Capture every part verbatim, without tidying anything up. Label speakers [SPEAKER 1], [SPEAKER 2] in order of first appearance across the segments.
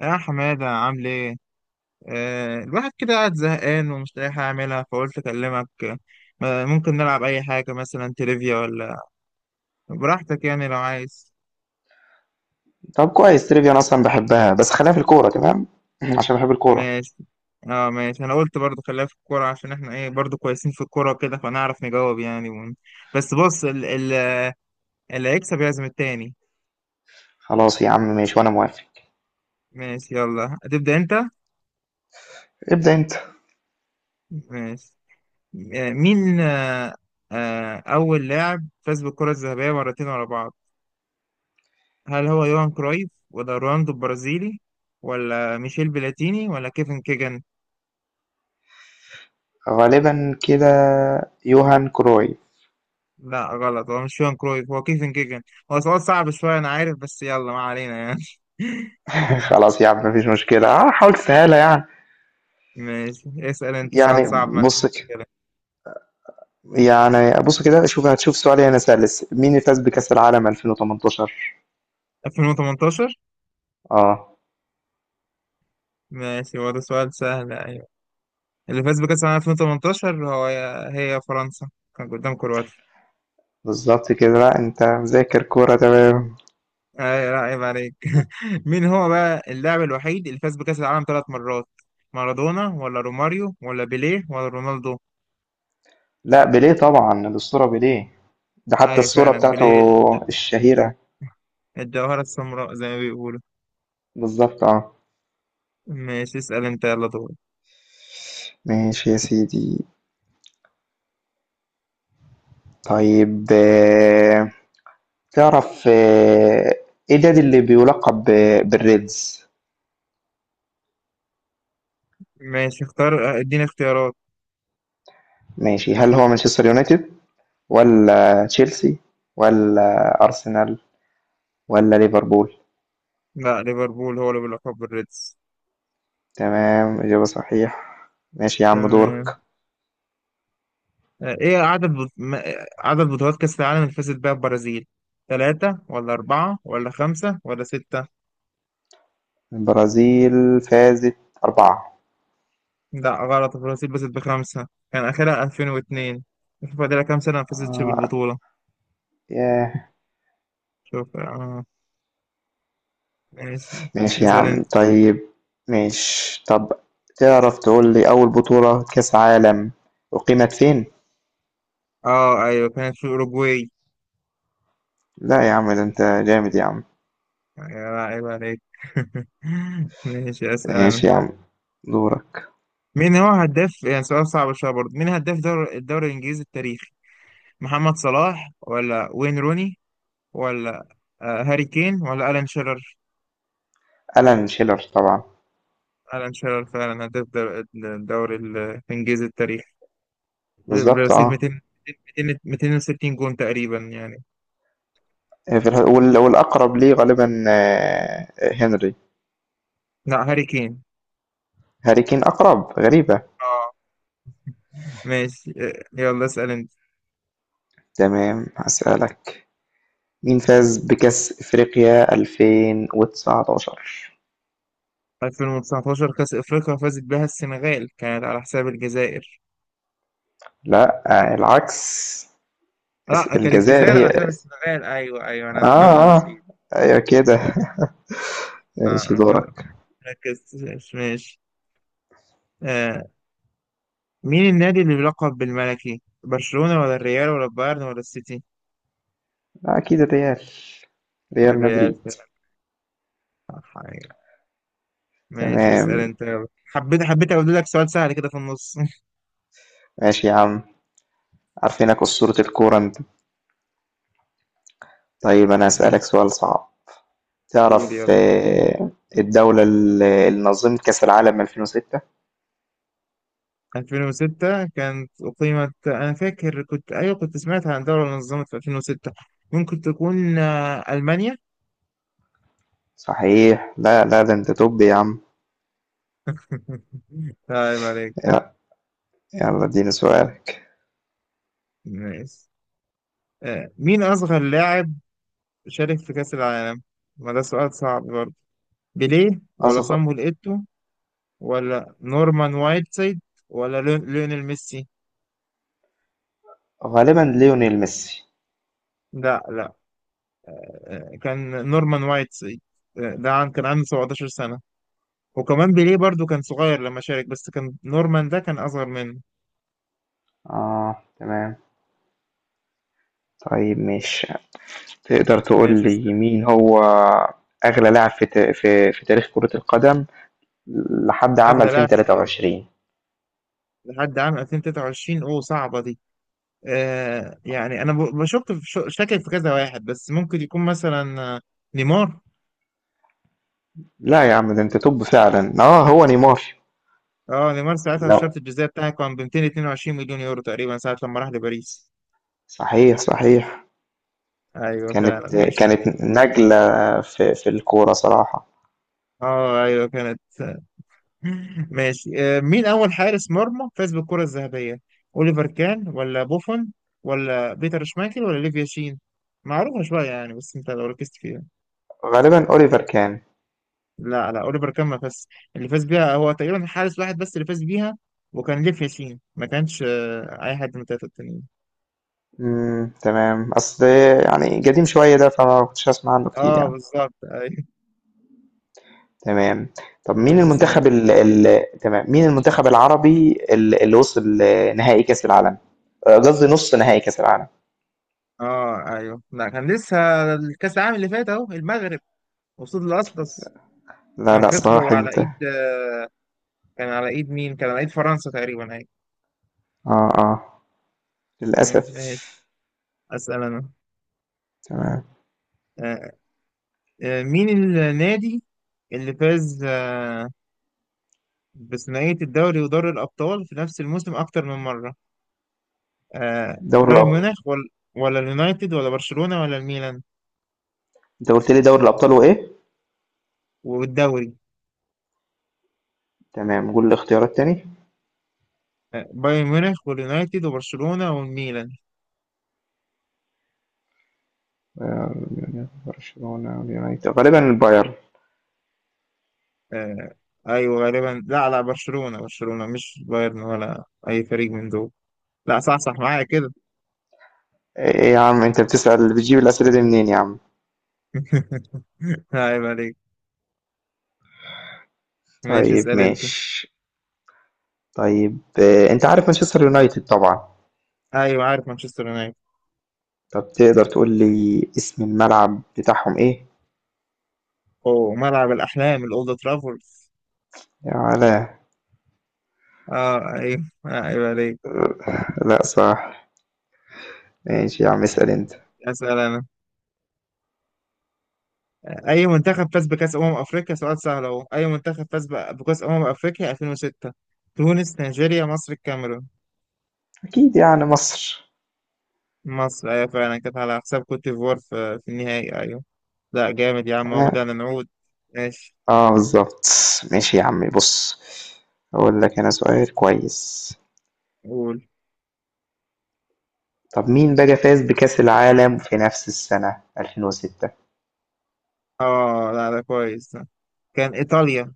[SPEAKER 1] يا حمادة عامل ايه؟ آه الواحد كده قاعد زهقان ومش لاقي حاجة أعملها، فقلت أكلمك. آه ممكن نلعب أي حاجة، مثلا تريفيا ولا؟ براحتك يعني، لو عايز.
[SPEAKER 2] طب كويس، تريفيا أنا أصلا بحبها، بس خلينا في الكورة تمام. عشان بحب الكورة.
[SPEAKER 1] ماشي. اه ماشي، أنا قلت برضو خليها في الكورة، عشان احنا ايه، برضو كويسين في الكورة كده، فنعرف نجاوب يعني ون... بس بص ال... ال... اللي هيكسب يعزم التاني.
[SPEAKER 2] خلاص يا عم، ماشي وأنا موافق.
[SPEAKER 1] ماشي، يلا هتبدأ أنت؟
[SPEAKER 2] ابدأ أنت.
[SPEAKER 1] ماشي. آه مين آه آه أول لاعب فاز بالكرة الذهبية مرتين ورا بعض؟ هل هو يوهان كرويف ولا رونالدو البرازيلي ولا ميشيل بلاتيني ولا كيفن كيجن؟
[SPEAKER 2] غالبا كده، يوهان كروي.
[SPEAKER 1] لا غلط، هو مش يوهان كرويف، هو كيفن كيجن. هو سؤال صعب شوية أنا عارف، بس يلا ما علينا يعني.
[SPEAKER 2] خلاص يا عم، مفيش مشكلة، آه، حاول تسهلها يعني.
[SPEAKER 1] ماشي، اسأل أنت سؤال
[SPEAKER 2] يعني
[SPEAKER 1] صعب من
[SPEAKER 2] بص كده
[SPEAKER 1] كده.
[SPEAKER 2] يعني بص كده، شوف هتشوف سؤال هنا سلس. مين اللي فاز بكأس العالم ألفين وتمنتاشر؟
[SPEAKER 1] ألفين وتمنتاشر.
[SPEAKER 2] اه
[SPEAKER 1] ماشي، هو ده سؤال سهل، أيوة. اللي فاز بكأس العالم ألفين وتمنتاشر هو، هي فرنسا، كان قدام كرواتيا.
[SPEAKER 2] بالظبط كده، لا انت مذاكر كورة تمام.
[SPEAKER 1] أي لا، عيب عليك. مين هو بقى اللاعب الوحيد اللي فاز بكأس العالم ثلاث مرات؟ مارادونا ولا روماريو ولا بيليه ولا رونالدو؟
[SPEAKER 2] لا، بيليه طبعا، الأسطورة بيليه. ده حتى
[SPEAKER 1] أيوة
[SPEAKER 2] الصورة
[SPEAKER 1] فعلا
[SPEAKER 2] بتاعته
[SPEAKER 1] بيليه، الج-
[SPEAKER 2] الشهيرة.
[SPEAKER 1] الجوهرة السمراء زي ما بيقولوا.
[SPEAKER 2] بالظبط اه.
[SPEAKER 1] ماشي، اسأل أنت، يلا دور.
[SPEAKER 2] ماشي يا سيدي. طيب، آآ تعرف، آآ إيه النادي اللي بيُلقّب ب بالReds؟
[SPEAKER 1] ماشي اختار، اديني اختيارات.
[SPEAKER 2] ماشي، هل هو مانشستر يونايتد، والّا تشيلسي، والّا أرسنال، والّا ليفربول؟
[SPEAKER 1] لا، ليفربول هو اللي بيلقب بالريدز.
[SPEAKER 2] تمام، إجابة صحيحة. ماشي يا عم،
[SPEAKER 1] تمام.
[SPEAKER 2] دورك.
[SPEAKER 1] آه، إيه عدد بط... ما- عدد بطولات كأس العالم اللي فازت بيها البرازيل؟ ثلاثة ولا أربعة ولا خمسة ولا ستة؟
[SPEAKER 2] البرازيل فازت أربعة.
[SPEAKER 1] لا غلط، البرازيل فازت بخمسة، كان آخرها ألفين واثنين. شوف فاضلها كام سنة ما فازتش
[SPEAKER 2] آه،
[SPEAKER 1] بالبطولة.
[SPEAKER 2] ياه!
[SPEAKER 1] شوف آه ماشي،
[SPEAKER 2] ماشي يا
[SPEAKER 1] اسأل
[SPEAKER 2] عم،
[SPEAKER 1] أنت.
[SPEAKER 2] طيب. ماشي. طَب تعرف تقول لي أول بطولة كاس عالم أُقيمت فين؟
[SPEAKER 1] اه ايوه، كانت في اوروجواي.
[SPEAKER 2] لأ يا عم، ده أنت جامد يا عم.
[SPEAKER 1] يا عيب عليك. ماشي اسال انا.
[SPEAKER 2] ماشي يا عم، دورك.
[SPEAKER 1] مين هو هداف، يعني سؤال صعب شويه برضه، مين هداف دور الدوري الانجليزي التاريخي؟ محمد صلاح ولا وين روني ولا آه، هاري كين ولا الان شيرر؟
[SPEAKER 2] ألان شيلر طبعا.
[SPEAKER 1] الان شيرر فعلا هداف دور- الدوري الانجليزي التاريخي ب-
[SPEAKER 2] بالظبط
[SPEAKER 1] برصيد
[SPEAKER 2] اه.
[SPEAKER 1] ميتين، ميتين، ميتين وستين جون تقريبا يعني.
[SPEAKER 2] آه، في الح- وال- والأقرب ليه غالبا، آه، آه، هنري.
[SPEAKER 1] لا، هاري كين.
[SPEAKER 2] هاري كين أقرب. غريبة.
[SPEAKER 1] اه ماشي. آه، يلا اسال انت.
[SPEAKER 2] تمام، هسألك. مين فاز بكأس إفريقيا ألفين وتسعتاشر؟
[SPEAKER 1] ألفين وتسعتاشر كأس أفريقيا فازت بها السنغال، كانت على حساب الجزائر.
[SPEAKER 2] لا، آه، العكس.
[SPEAKER 1] لا،
[SPEAKER 2] اس-
[SPEAKER 1] كانت
[SPEAKER 2] الجزائر
[SPEAKER 1] الجزائر على
[SPEAKER 2] هي،
[SPEAKER 1] حساب السنغال، ايوه ايوه، انا أنا
[SPEAKER 2] اه، اه،
[SPEAKER 1] نسيت.
[SPEAKER 2] ايوه كده.
[SPEAKER 1] لا
[SPEAKER 2] ماشي،
[SPEAKER 1] انا ف-
[SPEAKER 2] دورك.
[SPEAKER 1] ركزت. ماشي. آه. مين النادي اللي بيلقب بالملكي؟ برشلونة ولا الريال ولا البايرن ولا السيتي؟
[SPEAKER 2] اكيد الريال، ريال
[SPEAKER 1] الريال.
[SPEAKER 2] مدريد.
[SPEAKER 1] صح، أيوة. ماشي، اسأل
[SPEAKER 2] تمام.
[SPEAKER 1] انت يلا. حبيت حبيت اقول لك سؤال سهل كده في النص.
[SPEAKER 2] ماشي يا عم، عارفينك أسطورة الكورة انت. طيب أنا هاسألك
[SPEAKER 1] ماشي،
[SPEAKER 2] سؤال صعب.
[SPEAKER 1] قول
[SPEAKER 2] تعرف،
[SPEAKER 1] يلا.
[SPEAKER 2] آه، الدولة ال- اللي نظمت كأس العالم ألفين وستة؟
[SPEAKER 1] ألفين وستة كانت أقيمت، أنا فاكر كنت، أيوة كنت سمعت عن دولة نظمت في ألفين وستة، ممكن تكون آه، ألمانيا.
[SPEAKER 2] صحيح، لا، لا، ده أنت توب يا عم.
[SPEAKER 1] طيب عليك.
[SPEAKER 2] يلا. يلا اديني سؤالك.
[SPEAKER 1] ماشي. آه، مين أصغر لاعب شارك في كأس العالم؟ ما ده سؤال صعب برضه. بيليه ولا
[SPEAKER 2] أصغر.
[SPEAKER 1] صامويل إيتو ولا نورمان وايتسايد ولا ليون- ليونيل ميسي؟
[SPEAKER 2] غالبا ليونيل ميسي.
[SPEAKER 1] لا لا، آه، كان نورمان وايتسايد. آه، ده عن كان عنده سبعة عشر سنة، وكمان بيليه برضه كان صغير لما شارك بس كان نورمان ده كان أصغر منه.
[SPEAKER 2] آه، تمام. طيب مش تقدر تقول
[SPEAKER 1] ماشي،
[SPEAKER 2] لي
[SPEAKER 1] اسأل.
[SPEAKER 2] مين هو أغلى لاعب في تا- في في تاريخ كرة القدم لحد عام
[SPEAKER 1] أغلى لاعب في تاريخ
[SPEAKER 2] ألفين وتلاتة وعشرين؟
[SPEAKER 1] لحد عام ألفين وتلاتة وعشرين، أوه صعبة دي. آه يعني أنا ب- بشك في، شاكك في كذا واحد، بس ممكن يكون مثلا آه، نيمار.
[SPEAKER 2] لا يا عم، ده أنت توب فعلا، آه هو نيمار.
[SPEAKER 1] اه نيمار ساعتها الشرط
[SPEAKER 2] لا،
[SPEAKER 1] الجزائي بتاعه كان ب ميتين واتنين وعشرين مليون يورو تقريبا، ساعة لما راح لباريس.
[SPEAKER 2] صحيح، صحيح.
[SPEAKER 1] ايوه فعلا
[SPEAKER 2] كانت
[SPEAKER 1] ماشي.
[SPEAKER 2] كانت نجلة في في الكورة صراحة.
[SPEAKER 1] اه ايوه كانت. ماشي. آه، مين اول حارس مرمى فاز بالكرة الذهبية؟ اوليفر كان ولا بوفون ولا بيتر شمايكل ولا ليفيا شين؟ معروفة شوية يعني، بس انت لو ركزت فيها.
[SPEAKER 2] غالبًا أوليفر كان.
[SPEAKER 1] لا لا، اوليفر كان ما فاز. اللي فاز بيها هو تقريبا حارس واحد بس اللي فاز بيها، وكان ليفيا شين، ما كانش آه، اي حد من التلاتة التانيين.
[SPEAKER 2] إمم، تمام، أصل يعني قديم شوية ده، فما كنتش أسمع عنه كتير
[SPEAKER 1] اه
[SPEAKER 2] يعني.
[SPEAKER 1] بالظبط ايوه.
[SPEAKER 2] تمام. طب مين
[SPEAKER 1] ماشي
[SPEAKER 2] المنتخب
[SPEAKER 1] سلام.
[SPEAKER 2] ال ال تمام، مين المنتخب العربي ال اللي وصل نهائي كأس العالم؟ آآ، قصدي نُص نهائي كأس العالم.
[SPEAKER 1] اه ايوه، لا، كان لسه الكاس العالم اللي فات اهو المغرب قصاد الاطلس،
[SPEAKER 2] لا،
[SPEAKER 1] كان
[SPEAKER 2] لأ، صلاح
[SPEAKER 1] خسروا على
[SPEAKER 2] انتهى.
[SPEAKER 1] ايد، كان على ايد مين، كان على ايد فرنسا تقريبا ايوه.
[SPEAKER 2] آه، آه،
[SPEAKER 1] مم،
[SPEAKER 2] للأسف.
[SPEAKER 1] ماشي، اسال انا.
[SPEAKER 2] تمام.
[SPEAKER 1] آه، آه، مين النادي اللي فاز آه، بثنائية الدوري ودوري الأبطال في نفس الموسم أكتر من مرة؟ آه،
[SPEAKER 2] دوري
[SPEAKER 1] بايرن
[SPEAKER 2] الأب
[SPEAKER 1] ميونخ ولا ولا اليونايتد ولا برشلونة ولا الميلان؟
[SPEAKER 2] أنت قُلت لي دوري الأبطال وإيه؟
[SPEAKER 1] والدوري.
[SPEAKER 2] تمام، قُل الاختيارات تاني.
[SPEAKER 1] آه، بايرن ميونخ واليونايتد وبرشلونة والميلان.
[SPEAKER 2] آآ، برشلونة واليونايتد، غالبًا البايرن.
[SPEAKER 1] آه، ايوه غالبا، لا لا، برشلونة، برشلونة مش بايرن ولا اي فريق من دول. لا، صح صح، معايا كده.
[SPEAKER 2] ايه يا عم، انت بتسأل، بتجيب الأسئلة دي منين يا عم؟
[SPEAKER 1] عيب عليك. ماشي،
[SPEAKER 2] طيب
[SPEAKER 1] اسأل انت.
[SPEAKER 2] ماشي. طيب، آه، انت عارف مانشستر يونايتد طبعا.
[SPEAKER 1] ايوه عارف مانشستر يونايتد.
[SPEAKER 2] طب تقدر تقول لي اسم الملعب بتاعهم ايه؟
[SPEAKER 1] اوه، ملعب الاحلام، الاولد ترافورد.
[SPEAKER 2] يا ولا.
[SPEAKER 1] اه ايوه، عيب عليك.
[SPEAKER 2] لا صح. ماشي يا عم، اسأل انت.
[SPEAKER 1] اسال انا. اي منتخب فاز بكاس امم افريقيا، سؤال سهل اهو، اي منتخب فاز ب- بكاس امم افريقيا ألفين وستة؟ تونس، نيجيريا، مصر، الكاميرون؟
[SPEAKER 2] اكيد يعني مصر.
[SPEAKER 1] مصر، ايوه فعلا، كانت على حساب كوت ديفوار في في النهائي ايوه. لا جامد يا عم، هو
[SPEAKER 2] تمام.
[SPEAKER 1] بدأنا نعود. ماشي.
[SPEAKER 2] اه بالظبط. ماشي يا عم، بص اقول لك انا سؤال كويس.
[SPEAKER 1] قول.
[SPEAKER 2] طب مين بقى فاز بكأس العالم في نفس السنة ألفين وستة؟
[SPEAKER 1] اه لا، ده كويس ده. كان ايطاليا،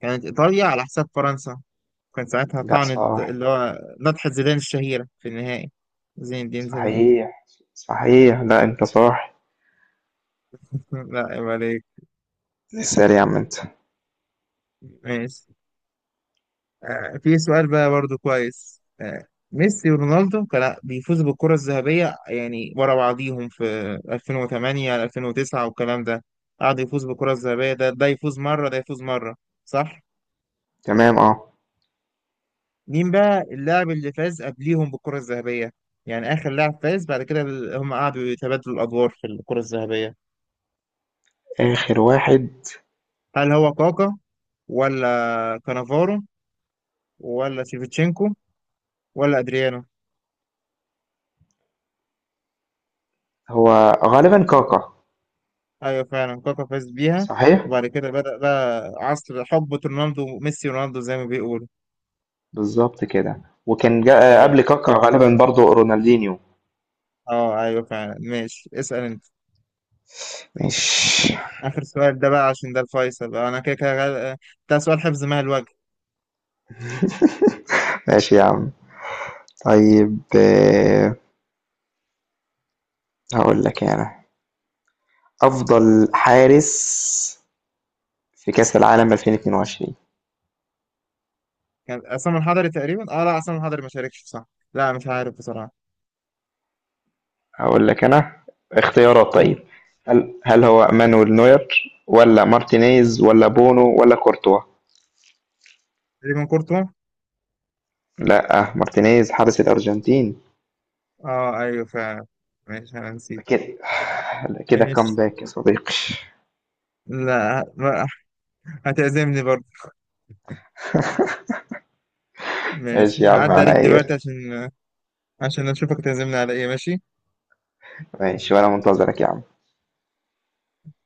[SPEAKER 1] كانت ايطاليا على حساب فرنسا، كان ساعتها
[SPEAKER 2] لا
[SPEAKER 1] طعنت
[SPEAKER 2] صح.
[SPEAKER 1] اللي هو نطحة زيدان الشهيرة في النهائي. زين الدين زيدان.
[SPEAKER 2] صحيح، صحيح، لا انت صح.
[SPEAKER 1] لا، عيب عليك.
[SPEAKER 2] اسأل يا عم انت.
[SPEAKER 1] ماشي. آه في سؤال بقى برضو كويس. آه ميسي ورونالدو كان بيفوزوا بالكرة الذهبية يعني ورا بعضيهم في ألفين وثمانية ألفين وتسعة والكلام ده، قعد يفوز بالكرة الذهبية، ده ده يفوز مرة، ده يفوز مرة، صح؟
[SPEAKER 2] تمام، آه.
[SPEAKER 1] مين بقى اللاعب اللي فاز قبليهم بالكرة الذهبية؟ يعني آخر لاعب فاز بعد كده ال- هم قعدوا يتبادلوا الأدوار في الكرة الذهبية.
[SPEAKER 2] آخر واحد؟
[SPEAKER 1] هل هو كاكا ولا كانافارو ولا شيفتشينكو ولا أدريانو؟
[SPEAKER 2] هو غالبًا كاكا.
[SPEAKER 1] أيوة فعلا، كاكا فاز بيها.
[SPEAKER 2] صحيح؟
[SPEAKER 1] وبعد كده بدأ بقى عصر حقبة رونالدو، ميسي ورونالدو زي ما بيقولوا.
[SPEAKER 2] بالضبط كده، وكان
[SPEAKER 1] آه،
[SPEAKER 2] جا آه، قبل
[SPEAKER 1] جامد.
[SPEAKER 2] كاكا غالبًا برضه رونالدينيو.
[SPEAKER 1] اه ايوه فعلا، ماشي اسأل انت.
[SPEAKER 2] ماشي.
[SPEAKER 1] آخر سؤال ده بقى، عشان ده الفيصل بقى، انا كده كده غال- ده سؤال حفظ مال.
[SPEAKER 2] ماشي يا عم. طيب، آآ، هاقول لك أنا، أفضل حارس في كأس العالم ألفين واتنين وعشرين؟
[SPEAKER 1] كان عصام الحضري تقريبا، اه لا، عصام الحضري ما شاركش، صح. لا، مش عارف بصراحة.
[SPEAKER 2] هاقول لك أنا اختيارات، طيب.
[SPEAKER 1] قول.
[SPEAKER 2] هل هل هو مانويل نوير، والّا مارتينيز، والّا بونو، والّا كورتوا؟
[SPEAKER 1] تقريبا كورتوا.
[SPEAKER 2] لأ، مارتينيز حارس الأرجنتين.
[SPEAKER 1] اه ايوه فعلا. ماشي، انا نسيت.
[SPEAKER 2] كده. كده
[SPEAKER 1] ماشي.
[SPEAKER 2] كومباك يا صديقي.
[SPEAKER 1] لا ما- هتعزمني برضه. ماشي،
[SPEAKER 2] ماشي يا عم
[SPEAKER 1] هعدي عليك
[SPEAKER 2] عينيا.
[SPEAKER 1] دلوقتي عشان عشان اشوفك تعزمني على ايه. ماشي.
[SPEAKER 2] ماشي وانا منتظرك يا عم.